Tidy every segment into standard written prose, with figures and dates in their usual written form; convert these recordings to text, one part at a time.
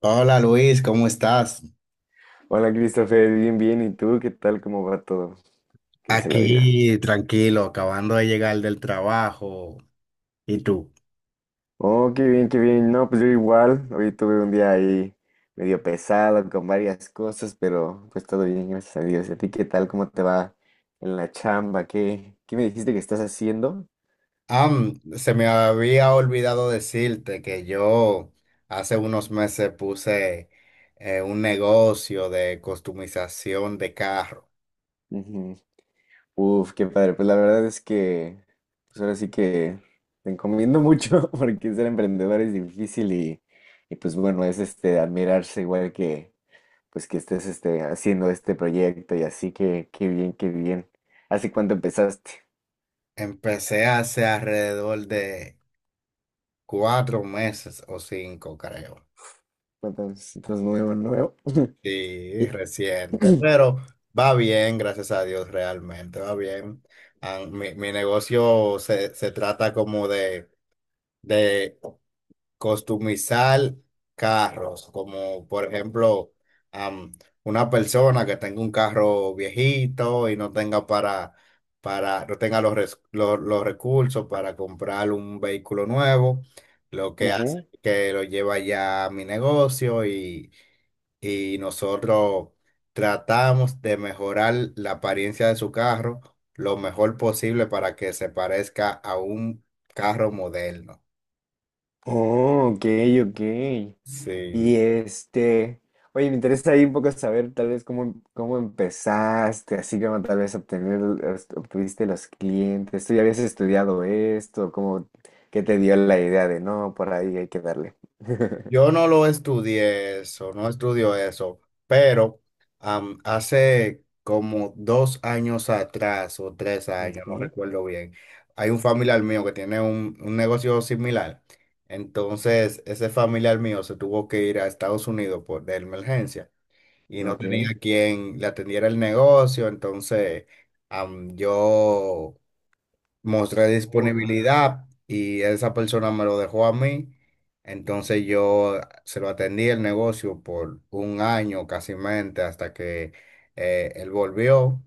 Hola Luis, ¿cómo estás? Hola Christopher, bien, bien. ¿Y tú qué tal? ¿Cómo va todo? ¿Qué dice la vida? Aquí, tranquilo, acabando de llegar del trabajo. ¿Y tú? Oh, qué bien, qué bien. No, pues yo igual. Hoy tuve un día ahí medio pesado con varias cosas, pero pues todo bien, gracias a Dios. ¿Y a ti qué tal? ¿Cómo te va en la chamba? ¿Qué me dijiste que estás haciendo? Ah, se me había olvidado decirte que yo hace unos meses puse un negocio de customización de carro. Ujú. Uf, qué padre. Pues la verdad es que pues ahora sí que te encomiendo mucho porque ser emprendedor es difícil y pues bueno, es admirarse igual que pues que estés haciendo este proyecto y así que qué bien, qué bien. ¿Hace cuánto empezaste? Empecé hace alrededor de 4 meses o cinco, creo. ¿ estás nuevo, nuevo? Sí, Y- reciente, pero va bien, gracias a Dios, realmente, va bien. Ah, mi negocio se trata como de customizar carros, como por ejemplo, am, una persona que tenga un carro viejito y no tenga no tenga los recursos para comprar un vehículo nuevo, lo que hace Ujú. es que lo lleva ya a mi negocio y nosotros tratamos de mejorar la apariencia de su carro lo mejor posible para que se parezca a un carro moderno. Oh, ok, ok. Sí, Y este, oye, me interesa ahí un poco saber tal vez cómo, cómo empezaste, así como tal vez obtener, obtuviste los clientes, tú ya habías estudiado esto, cómo, qué te dio la idea de no, por ahí hay que darle. yo no lo estudié eso, no estudio eso, pero hace como 2 años atrás o 3 años, no Ujú. recuerdo bien, hay un familiar mío que tiene un negocio similar. Entonces, ese familiar mío se tuvo que ir a Estados Unidos de emergencia. Y no Ok. tenía quien le atendiera el negocio, entonces yo mostré disponibilidad y esa persona me lo dejó a mí. Entonces yo se lo atendí el negocio por un año casi mente hasta que él volvió,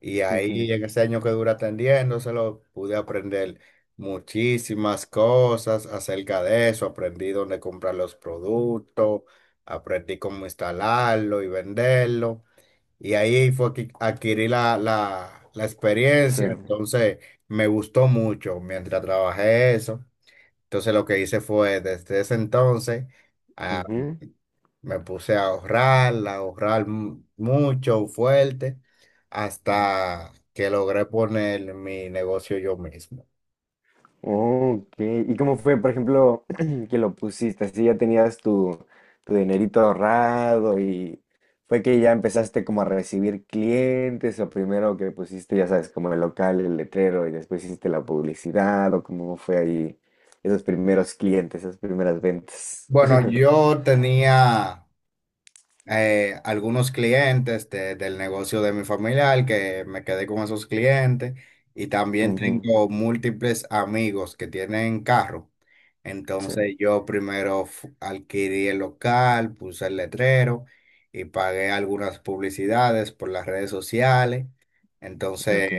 y ahí Ujú. en ese año que dura atendiéndoselo pude aprender muchísimas cosas acerca de eso. Aprendí dónde comprar los productos, aprendí cómo instalarlo y venderlo. Y ahí fue que adquirí la Sí. experiencia, entonces me gustó mucho mientras trabajé eso. Entonces lo que hice fue, desde ese entonces, Ujú. me puse a ahorrar mucho, fuerte, hasta que logré poner mi negocio yo mismo. Ok, ¿y cómo fue, por ejemplo, que lo pusiste? Así ya tenías tu, tu dinerito ahorrado y fue que ya empezaste como a recibir clientes o primero que pusiste, ya sabes, como el local, el letrero y después hiciste la publicidad o cómo fue ahí esos primeros clientes, esas primeras ventas. Bueno, yo tenía algunos clientes del negocio de mi familiar, que me quedé con esos clientes, y también Ujú. tengo múltiples amigos que tienen carro. Sí, Entonces yo primero adquirí el local, puse el letrero y pagué algunas publicidades por las redes sociales. Entonces ok.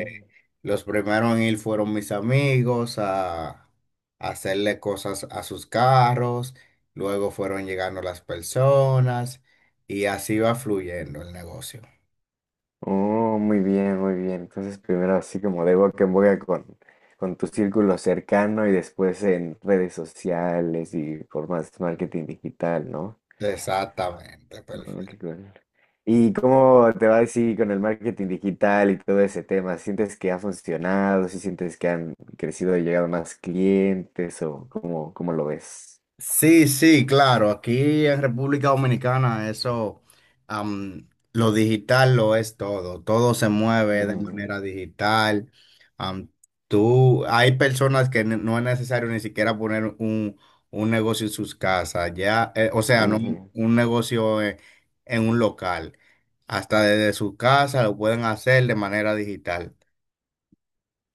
los primeros en ir fueron mis amigos a hacerle cosas a sus carros, luego fueron llegando las personas y así va fluyendo el negocio. Oh, muy bien, muy bien. Entonces, primero así como de boca en boca con tu círculo cercano y después en redes sociales y formas de marketing digital, ¿no? Exactamente, Oh, perfecto. qué cool. ¿Y cómo te va así con el marketing digital y todo ese tema? ¿Sientes que ha funcionado? ¿Si sientes que han crecido y llegado más clientes? ¿O cómo, cómo lo ves? Sí, sí, claro. Aquí en República Dominicana eso, am, lo digital lo es todo. Todo se mueve de Ujú, manera digital. Am, Tú, hay personas que no es necesario ni siquiera poner un negocio en sus casas. Ya, o sea, no un ujú. un negocio en un local. Hasta desde su casa lo pueden hacer de manera digital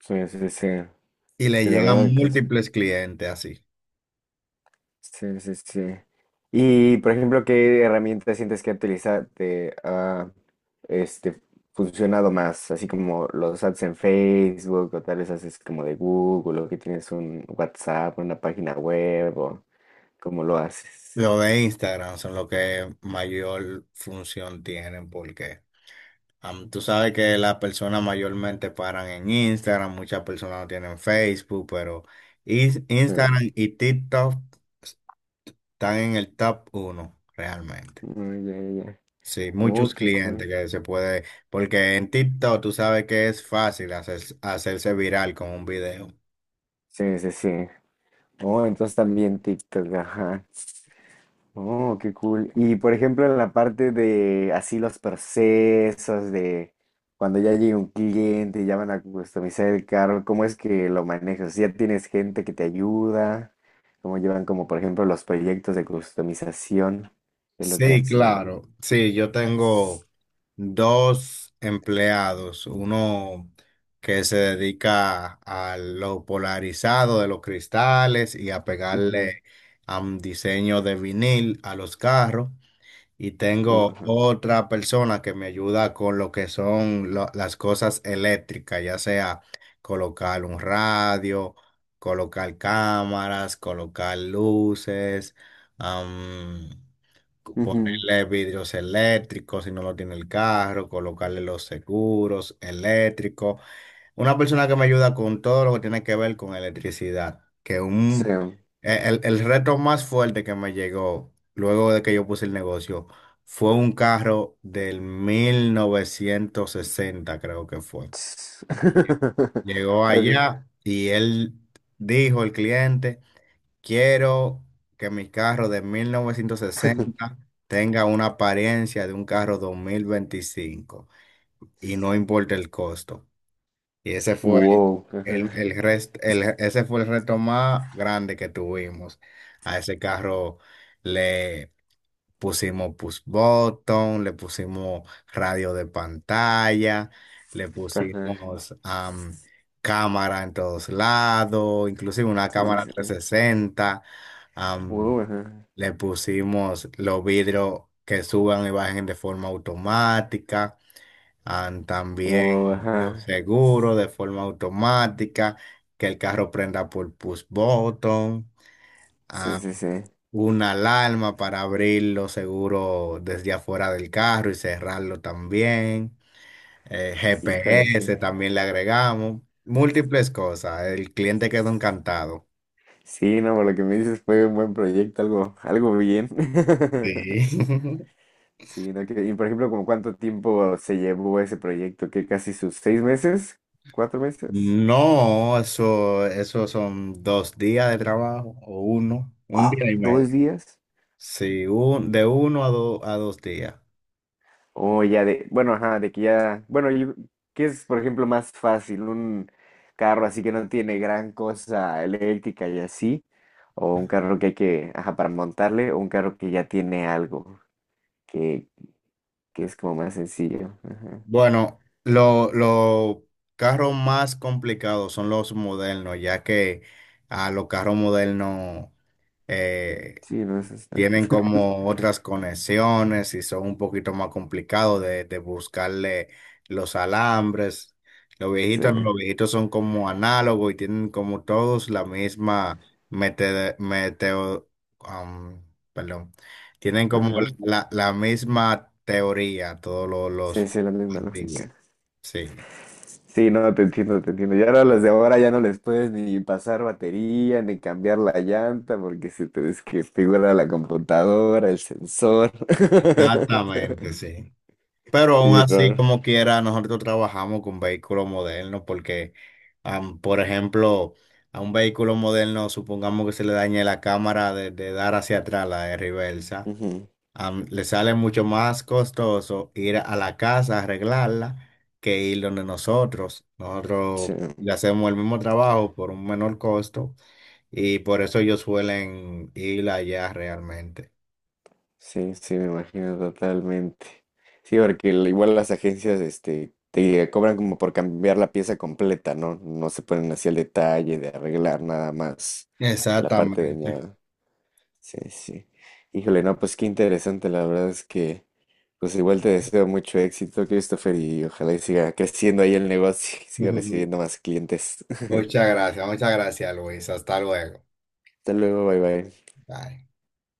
Sí, sí, sí. y le Sí, la llegan verdad que sí. múltiples clientes así. Sí, sí, sí. Y, por ejemplo, ¿qué herramienta sientes que utiliza te ha este, funcionado más? Así como los ads en Facebook o tal vez haces como de Google o que tienes un WhatsApp, una página web o cómo lo haces. Lo de Instagram son los que mayor función tienen porque tú sabes que las personas mayormente paran en Instagram, muchas personas no tienen Facebook, pero Is- Sí. Instagram y TikTok están en el top uno realmente. Oh, ya, ya, ya. Sí, Oh, muchos qué clientes cool. que se puede, porque en TikTok tú sabes que es fácil hacerse viral con un video. Sí, sí, sí. Oh, entonces también TikTok, ajá. Oh, qué cool. Y por ejemplo, en la parte de así los procesos de cuando ya llega un cliente y ya van a customizar el carro, ¿cómo es que lo manejas? ¿Ya tienes gente que te ayuda? ¿Cómo llevan como por ejemplo los proyectos de customización? ¿Qué es lo que Sí, hacen ahí? claro. Sí, yo tengo dos empleados, uno que se dedica a lo polarizado de los cristales y a Ujú. pegarle a un diseño de vinil a los carros. Y tengo Ajá. otra persona que me ayuda con lo que son las cosas eléctricas, ya sea colocar un radio, colocar cámaras, colocar luces. Ujú. Ponerle vidrios eléctricos si no lo tiene el carro, colocarle los seguros eléctricos. Una persona que me ayuda con todo lo que tiene que ver con electricidad. Que Sí. un, e, el reto más fuerte que me llegó luego de que yo puse el negocio fue un carro del 1960, creo que fue. Ts- Llegó Ajá. allá y él dijo, el cliente: quiero que mi carro de mil novecientos sesenta tenga una apariencia de un carro 2025 y no importa el costo. Y ese fue Wow. Ajá. El reto más grande que tuvimos. A ese carro pusimos push button, le pusimos radio de pantalla, le Ajá. pusimos cámara en todos lados, inclusive una Sí, cámara sí, sí. 360, Wow, am, ajá. le pusimos los vidrios que suban y bajen de forma automática, también Wow, los ajá. seguros de forma automática, que el carro prenda por push button, Sí, sí, sí. una alarma para abrirlo seguro desde afuera del carro y cerrarlo también. Híjole, sí. GPS también le agregamos. Múltiples cosas. El cliente quedó encantado. Sí, no, por lo que me dices fue un buen proyecto, algo, algo bien. Sí. Sí, no, y por ejemplo, ¿como cuánto tiempo se llevó ese proyecto? ¿Que casi sus seis meses? ¿Cuatro meses? No, eso son 2 días de trabajo o un Ah, día y ¿dos medio. días? Sí, de uno a 2 días. O ya de, bueno, ajá, de que ya, bueno, ¿qué es, por ejemplo, más fácil? ¿Un carro así que no tiene gran cosa eléctrica y así? ¿O un carro que hay que, ajá, para montarle? ¿O un carro que ya tiene algo? Que es como más sencillo. Ajá. Bueno, lo los carros más complicados son los modernos, ya que a los carros modernos eh, Sí, no es hasta- tienen como otras conexiones y son un poquito más complicados de buscarle los alambres. Los Sí, viejitos, no, los viejitos son como análogos y tienen como todos la misma meteo, am, perdón, tienen como ajá. la misma teoría, todos los, Sí, los sí, la misma antiguos. lógica. Sí, Sí, no, te entiendo, te entiendo. Ya ahora las de ahora ya no les puedes ni pasar batería, ni cambiar la llanta, porque se te desconfigura la computadora, el sensor. exactamente, sí. Pero aún Sí, así, raro. como quiera, nosotros trabajamos con vehículos modernos porque, por ejemplo, a un vehículo moderno, supongamos que se le dañe la cámara de dar hacia atrás, la de reversa, Ujú. Le sale mucho más costoso ir a la casa a arreglarla que ir donde nosotros. Sí. Nosotros le hacemos el mismo trabajo por un menor costo, y por eso ellos suelen ir allá realmente. Sí, sí, me imagino totalmente. Sí, porque igual las agencias, este, te cobran como por cambiar la pieza completa, ¿no? No se ponen así al detalle de arreglar nada más la parte Exactamente. dañada. Sí, sí. Híjole, no, pues qué interesante, la verdad es que, pues igual te deseo mucho éxito, Christopher, y ojalá y siga creciendo ahí el negocio, y siga recibiendo más clientes. Muchas gracias, Luis. Hasta luego. Hasta luego, bye bye. Bye.